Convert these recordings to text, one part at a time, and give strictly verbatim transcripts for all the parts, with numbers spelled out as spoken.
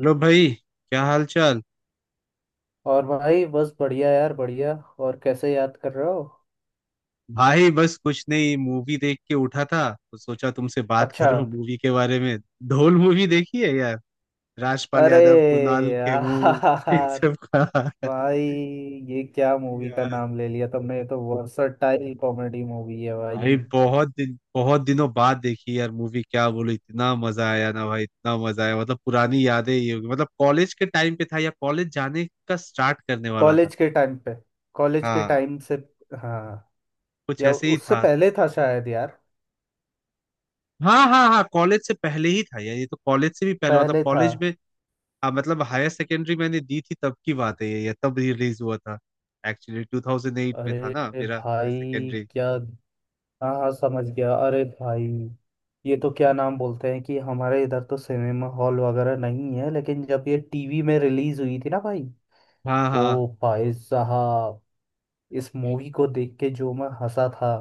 Hello भाई। क्या हाल चाल। और भाई बस बढ़िया यार, बढ़िया। और कैसे याद कर रहे हो? भाई बस कुछ नहीं, मूवी देख के उठा था तो सोचा तुमसे बात अच्छा। करूं मूवी के बारे में। ढोल मूवी देखी है यार? राजपाल अरे यादव, कुणाल खेमू इन यार, सब का। भाई ये क्या मूवी का यार नाम ले लिया, तुमने तो वर्सटाइल कॉमेडी मूवी है भाई। भाई बहुत दिन बहुत दिनों बाद देखी यार मूवी, क्या बोलूं, इतना मजा आया ना भाई, इतना मजा आया। मतलब पुरानी यादें ही होगी, मतलब कॉलेज के टाइम पे था या कॉलेज जाने का स्टार्ट करने वाला था। कॉलेज के टाइम पे, कॉलेज के हाँ, टाइम से। हाँ। कुछ या ऐसे ही उससे था। पहले था शायद यार, हाँ हाँ हाँ, कॉलेज से पहले ही था यार ये, तो कॉलेज से भी पहले, मतलब पहले था। कॉलेज में। हाँ, मतलब हायर सेकेंडरी मैंने दी थी तब की बात है, ये ये तब रिलीज हुआ था। एक्चुअली ट्वेंटी ओ एट में था अरे ना मेरा हायर भाई सेकेंडरी। क्या। हाँ हाँ, समझ गया। अरे भाई, ये तो क्या नाम बोलते हैं कि हमारे इधर तो सिनेमा हॉल वगैरह नहीं है, लेकिन जब ये टी वी में रिलीज हुई थी ना भाई। हाँ। हाँ। ओ भाई साहब, इस मूवी को देख के जो मैं हंसा था।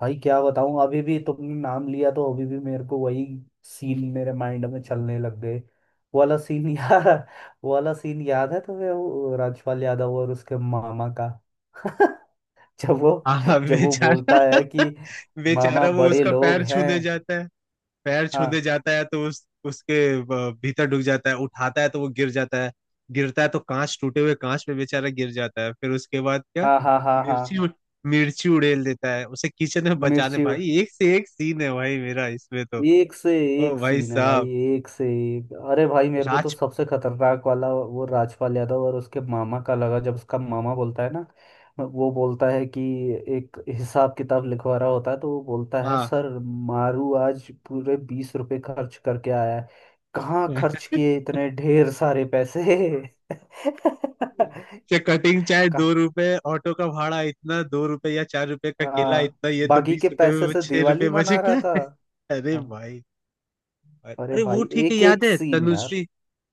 भाई क्या बताऊं, अभी भी तुमने नाम लिया तो अभी भी मेरे को वही सीन मेरे माइंड में चलने लग गए। वो वाला सीन यार। वो वाला सीन याद है तुम्हें, वो राजपाल यादव और उसके मामा का जब वो हाँ। हाँ, जब वो बेचारा। बोलता है कि मामा बेचारा वो, बड़े उसका लोग पैर हैं। छूने जाता है। पैर छूने हाँ जाता है तो उस उसके अ, भीतर डूब जाता है, उठाता है तो वो गिर जाता है। गिरता है तो कांच, टूटे हुए कांच में बेचारा गिर जाता है। फिर उसके बाद क्या, हाँ हाँ हाँ हाँ। मिर्ची उड़- मिर्ची उड़ेल देता है उसे किचन में बचाने। मिर्ची उड़- भाई एक से एक सीन है भाई, मेरा इसमें तो। एक से ओ एक भाई सीन है भाई, साहब। एक से एक। अरे भाई मेरे को तो राज सबसे खतरनाक वाला वो राजपाल यादव और उसके मामा का लगा, जब उसका मामा बोलता है ना। वो बोलता है कि एक हिसाब किताब लिखवा रहा होता है तो वो बोलता है, हाँ, सर मारू आज पूरे बीस रुपए खर्च करके आया है, कहाँ खर्च किए इतने ढेर सारे पैसे? से कटिंग, चाहे दो कहाँ, रुपए ऑटो का भाड़ा इतना, दो रुपए या चार रुपए का केला हाँ, इतना, ये तो बाकी बीस के रुपए पैसे में से छह रुपए दिवाली मना रहा बचेगा। था। अरे हाँ। भाई। अरे अरे वो भाई ठीक है, एक याद एक है सीन यार। तनुश्री,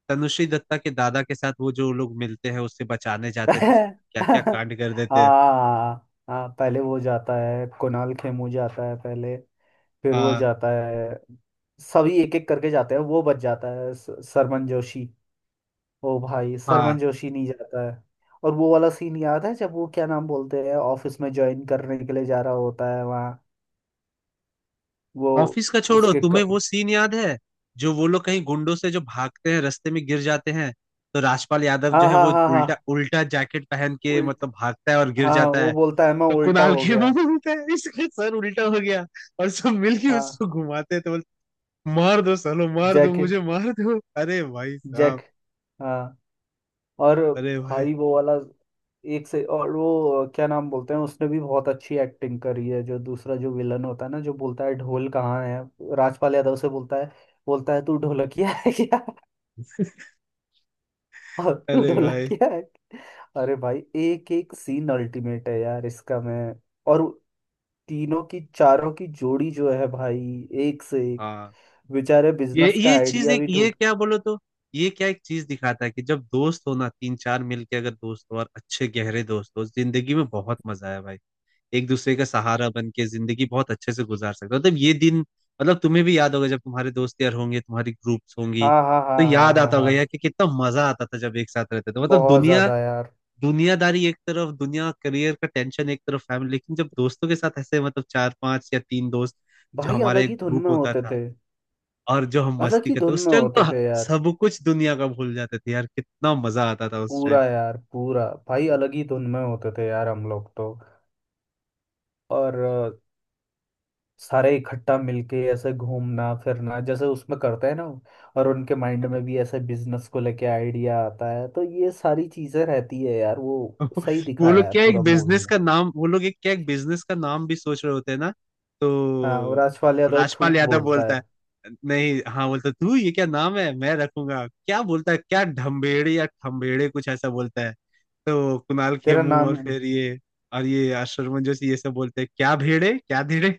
तनुश्री दत्ता के दादा के साथ वो जो लोग मिलते हैं, उससे बचाने जाते हैं तो क्या क्या हाँ कांड कर देते हैं। हाँ हाँ, पहले वो जाता है, कुणाल खेमू जाता है पहले, फिर वो हाँ। जाता है। सभी एक एक करके जाते हैं, वो बच जाता है स- सरमन जोशी। ओ भाई, सरमन हाँ। जोशी नहीं जाता है। और वो वाला सीन याद है जब वो क्या नाम बोलते हैं, ऑफिस में ज्वाइन करने के लिए जा रहा होता है वहाँ, वो ऑफिस का छोड़ो, उसके तुम्हें क... वो सीन याद है जो वो लोग कहीं गुंडों से जो भागते हैं, रास्ते में गिर जाते हैं, तो राजपाल यादव जो हाँ है हाँ वो हाँ उल्टा उल्टा जैकेट पहन के हाँ मतलब भागता है और गिर हाँ, जाता वो है। बोलता है मैं तो उल्टा कुणाल हो के गया। मुंह उल्टा है, इसका सर उल्टा हो गया, और सब मिलके हाँ, उसको घुमाते थे, बोलते मार दो सालो, मार दो, जैक, मुझे मार दो। अरे भाई जैक, साहब। हाँ। और अरे भाई। भाई वो वाला, एक से, और वो क्या नाम बोलते हैं, उसने भी बहुत अच्छी एक्टिंग करी है, जो दूसरा जो विलन होता है ना, जो बोलता है ढोल कहाँ है, राजपाल यादव से बोलता है, बोलता है तू ढोलकिया है क्या? और तू अरे भाई। ढोलकिया है। अरे भाई एक एक सीन अल्टीमेट है यार, इसका मैं, और तीनों की चारों की जोड़ी जो है भाई, एक से एक। हाँ। बेचारे ये बिजनेस का ये चीज आइडिया एक, भी। ये क्या बोलो तो, ये क्या एक चीज दिखाता है कि जब दोस्त हो ना, तीन चार मिलके अगर दोस्त हो और अच्छे गहरे दोस्त हो, जिंदगी में बहुत मजा है भाई। एक दूसरे का सहारा बन के जिंदगी बहुत अच्छे से गुजार सकते हो। मतलब ये दिन, मतलब तुम्हें भी याद होगा जब तुम्हारे दोस्त यार होंगे, तुम्हारी ग्रुप्स होंगी, हाँ हाँ तो हाँ हाँ याद हाँ आता होगा यार हाँ। कि कितना मजा आता था जब एक साथ रहते थे, मतलब बहुत दुनिया, ज्यादा यार। दुनियादारी एक तरफ, दुनिया, करियर का टेंशन एक तरफ, फैमिली, लेकिन जब दोस्तों के साथ ऐसे, मतलब चार पांच या तीन दोस्त, जो भाई हमारा अलग ही एक धुन ग्रुप में होता होते था, थे। और जो हम अलग मस्ती ही करते धुन उस में टाइम, तो होते थे यार। सब कुछ दुनिया का भूल जाते थे यार, कितना मजा आता था उस टाइम। पूरा यार, पूरा भाई, अलग ही धुन में होते थे यार हम लोग तो। और अ, सारे इकट्ठा मिलके ऐसे घूमना फिरना, जैसे उसमें करते हैं ना। और उनके माइंड में भी ऐसे बिजनेस को लेके आइडिया आता है, तो ये सारी चीजें रहती है यार वो। सही वो लोग दिखाया है क्या एक पूरा मूवी बिजनेस में। का नाम, वो लोग एक क्या, एक बिजनेस का नाम भी सोच रहे होते हैं ना, तो हाँ, और आजकल वो यादव राजपाल थूक यादव बोलता बोलता है। है, नहीं हाँ बोलता तू, ये क्या नाम है मैं रखूंगा, क्या बोलता है, क्या ढम्बेड़े या ठम्बेड़े कुछ ऐसा बोलता है, तो कुणाल तेरा खेमू नाम। और फिर ये, और ये अशरमन जोशी ये सब बोलते हैं क्या भेड़े, क्या धीड़े।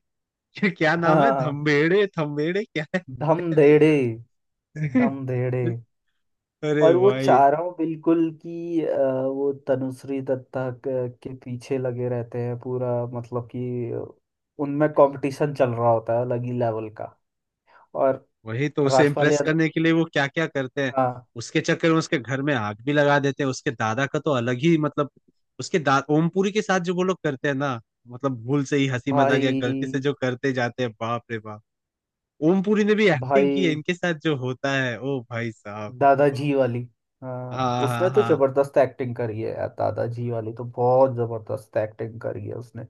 क्या नाम है, हाँ। धम्बेड़े, थम्बेड़े क्या है। धम अरे धेड़े, यार। धम धेड़े। अरे और वो भाई। चारों बिल्कुल कि अ, वो तनुश्री दत्ता क- के पीछे लगे रहते हैं पूरा, मतलब कि उनमें कंपटीशन चल रहा होता है अलग ही लेवल का। और वही तो, उसे राजपाल इम्प्रेस यादव। करने के लिए वो क्या क्या करते हैं। हाँ। उसके चक्कर में उसके घर में आग भी लगा देते हैं। उसके दादा का तो अलग ही मतलब, उसके दा ओमपुरी के साथ जो वो लोग करते हैं ना, मतलब भूल से ही हंसी मजाक या भाई। गलती से जो करते जाते हैं, बाप रे बाप। ओमपुरी ने भी एक्टिंग की है, भाई, इनके साथ जो होता है, ओ भाई साहब। दादाजी वाली। हाँ, हाँ। हाँ। उसने तो हाँ। जबरदस्त एक्टिंग करी है यार, दादाजी वाली तो बहुत जबरदस्त एक्टिंग करी है उसने।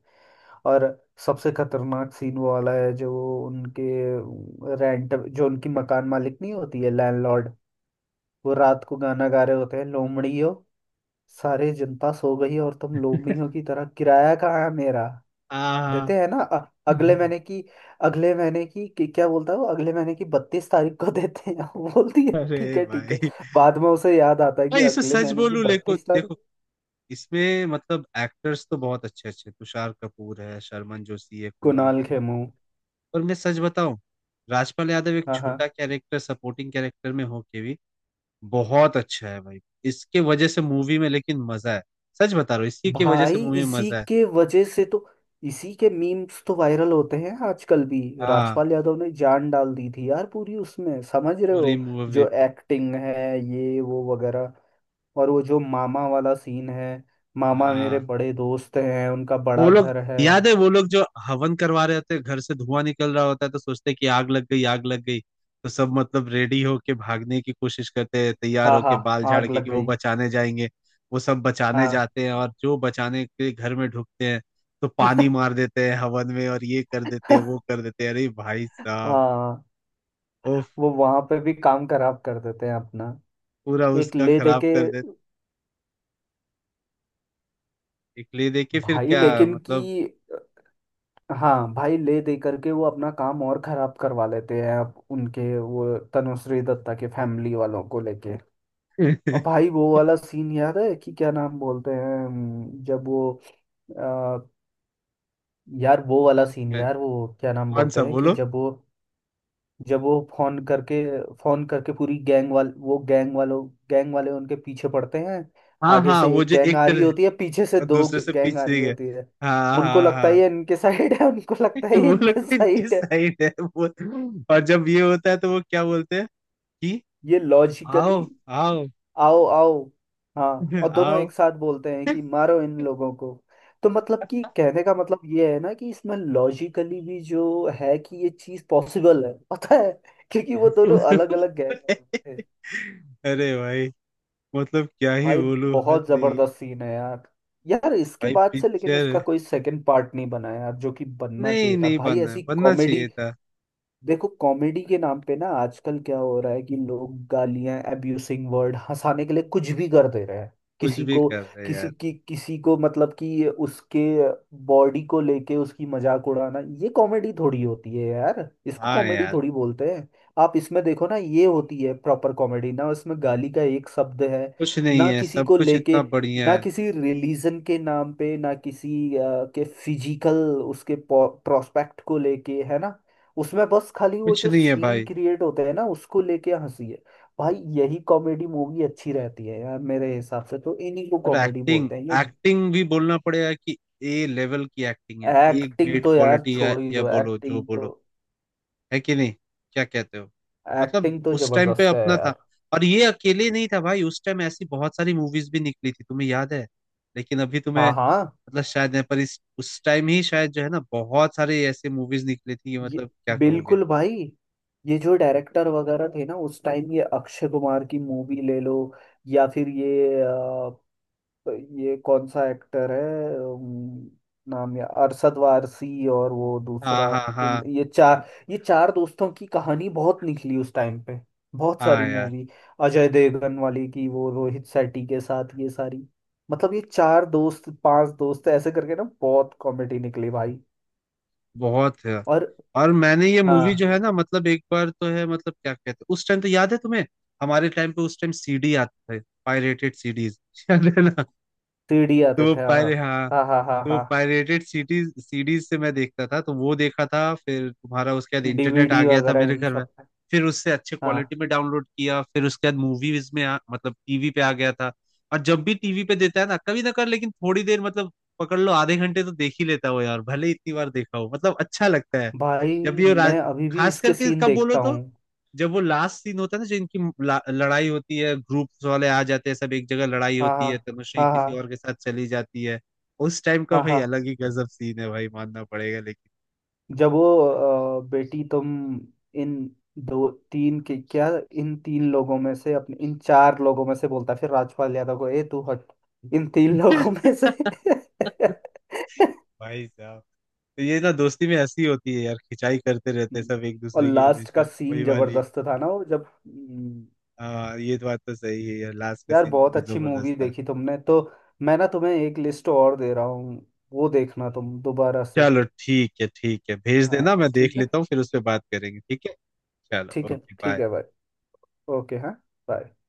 और सबसे खतरनाक सीन वो वाला है जो उनके रेंट, जो उनकी मकान मालिक नहीं होती है, लैंडलॉर्ड। वो रात को गाना गा रहे होते हैं लोमड़ियो, सारी जनता सो गई और तुम लोभियों की तरह, किराया कहाँ है मेरा? हाँ। हाँ। देते हैं ना अ- अगले महीने की, अगले महीने की, कि- क्या बोलता है वो, अगले महीने की बत्तीस तारीख को देते हैं। वो बोलती है ठीक अरे है ठीक है। भाई। बाद में उसे याद आता है कि भाई इसमें अगले सच महीने की बोलूं, देखो बत्तीस तारीख। देखो, इसमें मतलब एक्टर्स तो बहुत अच्छे अच्छे, तुषार कपूर है, शर्मन जोशी है, कुणाल कुणाल खेमू, खेमू। और मैं सच बताऊं, राजपाल यादव एक हाँ हाँ। छोटा कैरेक्टर, सपोर्टिंग कैरेक्टर में होके भी बहुत अच्छा है भाई। इसके वजह से मूवी में लेकिन मजा है, सच बता रहा हूँ, इसी की वजह से भाई मूवी में इसी मजा है। के वजह से तो, इसी के मीम्स तो वायरल होते हैं आजकल भी। हाँ। राजपाल यादव ने जान डाल दी थी यार पूरी उसमें, समझ रहे हो। पूरी मूवी जो पे। एक्टिंग है ये वो वगैरह। और वो जो मामा वाला सीन है, मामा मेरे हाँ बड़े दोस्त हैं, उनका वो बड़ा लोग, घर है। याद है वो लोग जो हवन करवा रहे होते हैं, घर से धुआं निकल रहा होता है तो सोचते हैं कि आग लग गई, आग लग गई, तो सब मतलब रेडी होके भागने की कोशिश करते हैं, तैयार हाँ होके, हाँ। बाल झाड़ आग के, लग कि वो गई। बचाने जाएंगे। वो सब बचाने हाँ। जाते हैं, और जो बचाने के घर में ढुकते हैं तो पानी मार देते हैं हवन में, और ये कर देते हैं, वो कर देते हैं। अरे भाई साहब। हाँ। ओफ। वो वहां पे भी काम खराब कर देते हैं अपना, पूरा एक उसका ले दे खराब के। कर देते। इसलिए देखिए फिर भाई क्या लेकिन कि, मतलब। हाँ भाई, ले दे करके वो अपना काम और खराब करवा लेते हैं अब उनके, वो तनुश्री दत्ता के फैमिली वालों को लेके। और भाई वो वाला सीन याद है कि क्या नाम बोलते हैं, हम्म, जब वो, यार वो वाला सीन इसमें यार, वो क्या नाम कौन सा बोलते हैं कि बोलो? जब वो जब वो फोन करके फोन करके पूरी गैंग वाल वो गैंग वालों गैंग वाले उनके पीछे पड़ते हैं। हाँ आगे हाँ, से वो एक जो गैंग एक आ रही तरह होती है, पीछे से और दो दूसरे से गैंग आ रही पिछड़ी है। होती है। हाँ उनको हाँ लगता है हाँ। ये इनके साइड है, उनको लगता है ये वो लोग इनके तो इनके साइड है। साइड है। वो, और जब ये होता है तो वो क्या बोलते हैं कि ये लॉजिकली, आओ, आओ। आओ आओ, हाँ, और दोनों आओ। एक साथ बोलते हैं कि मारो इन लोगों को। तो मतलब कि कहने का मतलब ये है ना, कि इसमें लॉजिकली भी जो है, कि ये चीज पॉसिबल है पता है, क्योंकि वो दोनों अलग अलग गैंग वाले थे। अरे भाई। मतलब क्या ही भाई बोलूं, हद बहुत नहीं है। जबरदस्त सीन है यार। यार इसके भाई बाद से लेकिन पिक्चर, इसका कोई सेकंड पार्ट नहीं बना यार, जो कि बनना नहीं चाहिए था नहीं, भाई, बनना है, ऐसी बनना कॉमेडी। चाहिए था। देखो कॉमेडी के नाम पे ना आजकल क्या हो रहा है, कि लोग गालियां, एब्यूसिंग वर्ड, हंसाने के लिए कुछ भी कर दे रहे हैं। कुछ किसी भी को, कर रहे किसी यार। की, किसी को, मतलब कि उसके बॉडी को लेके उसकी मजाक उड़ाना, ये कॉमेडी थोड़ी होती है यार, इसको हाँ कॉमेडी यार। थोड़ी बोलते हैं। आप इसमें देखो ना, ये होती है प्रॉपर कॉमेडी, ना उसमें गाली का एक शब्द है, कुछ नहीं ना है, किसी सब को कुछ लेके, इतना बढ़िया ना है। किसी रिलीजन के नाम पे, ना किसी अ, के फिजिकल, उसके प्रोस्पेक्ट को लेके है ना, उसमें बस खाली वो कुछ जो नहीं है सीन भाई। क्रिएट होते हैं ना उसको लेके हंसी है। भाई यही कॉमेडी मूवी अच्छी रहती है यार, मेरे हिसाब से तो इन्हीं को और कॉमेडी एक्टिंग, बोलते हैं ये। एक्टिंग भी बोलना पड़ेगा कि ए लेवल की एक्टिंग है, ए एक्टिंग ग्रेट तो यार क्वालिटी, या छोड़ ही या दो, बोलो, जो एक्टिंग तो। बोलो, है कि नहीं, क्या कहते हो, मतलब एक्टिंग तो उस टाइम पे जबरदस्त है अपना था। यार। और ये अकेले नहीं था भाई, उस टाइम ऐसी बहुत सारी मूवीज भी निकली थी, तुम्हें याद है। लेकिन अभी तुम्हें हाँ हाँ। मतलब शायद नहीं, पर इस उस टाइम ही शायद जो है ना, बहुत सारे ऐसे मूवीज निकली थी, ये मतलब क्या कहोगे। बिल्कुल भाई, ये जो डायरेक्टर वगैरह थे ना उस टाइम, ये अक्षय कुमार की मूवी ले लो, या फिर ये, तो ये कौन सा एक्टर है, अम, नाम, या अरशद वारसी और वो दूसरा। हाँ हाँ हाँ इन- ये चार ये चार दोस्तों की कहानी बहुत निकली उस टाइम पे, बहुत सारी हाँ यार, मूवी। अजय देवगन वाली की वो, रोहित शेट्टी के साथ ये सारी, मतलब ये चार दोस्त पांच दोस्त ऐसे करके ना बहुत कॉमेडी निकली भाई। बहुत है। और और मैंने ये मूवी हाँ, जो है ना, मतलब एक बार तो है, मतलब क्या कहते हैं, उस टाइम तो याद है तुम्हें, हमारे टाइम पे उस टाइम सीडी आते थे, पायरेटेड सीडीज। याद है ना, सी डी तो आते वो थे, हाँ पायरे हाँ, हाँ हाँ हाँ तो हाँ, पायरेटेड सीरीज सीरीज से मैं देखता था, तो वो देखा था। फिर तुम्हारा, उसके बाद internet uh D we D गया था वगैरह मेरे इन घर में, सब पे। फिर उससे अच्छे क्वालिटी हाँ में डाउनलोड किया। फिर उसके बाद मूवीज में आ, मतलब टीवी पे आ गया था। और जब भी टीवी पे देता है ना, कभी ना कर, लेकिन थोड़ी देर मतलब, पकड़ लो आधे घंटे तो देख ही लेता हो यार, भले ही इतनी बार देखा हो, मतलब अच्छा लगता है। जब भाई, भी वो राज मैं अभी भी खास इसके करके सीन कब बोलो देखता तो, हूँ। जब वो लास्ट सीन होता है ना, जो इनकी ला- लड़ाई होती है, ग्रुप्स वाले आ जाते हैं सब एक जगह, लड़ाई हाँ होती हाँ है, तनुश्री हाँ किसी हाँ और के साथ चली जाती है। उस टाइम का हाँ भाई हाँ। अलग ही गजब सीन है भाई, मानना पड़ेगा लेकिन। जब वो अ, बेटी तुम, इन दो तीन के क्या, इन तीन लोगों में से, अपने इन चार लोगों में से बोलता है, फिर राजपाल यादव को ए तू हट, इन तीन लोगों में से। भाई साहब। तो ये ना दोस्ती में हंसी होती है यार, खिंचाई करते रहते हैं हम्म। सब एक और दूसरे की, लास्ट का हमेशा वही सीन वाली। जबरदस्त था ना वो, जब हम्म, हाँ, ये तो बात तो सही है यार, लास्ट का यार सीन बहुत बहुत अच्छी जबरदस्त मूवी था। देखी तुमने तो। मैं ना तुम्हें एक लिस्ट और दे रहा हूँ, वो देखना तुम दोबारा से। चलो ठीक है ठीक है, भेज हाँ देना, मैं देख ठीक है, लेता हूँ, फिर उस पर बात करेंगे, ठीक है, चलो, ठीक है ओके, ठीक बाय। है भाई। ओके हाँ, bye।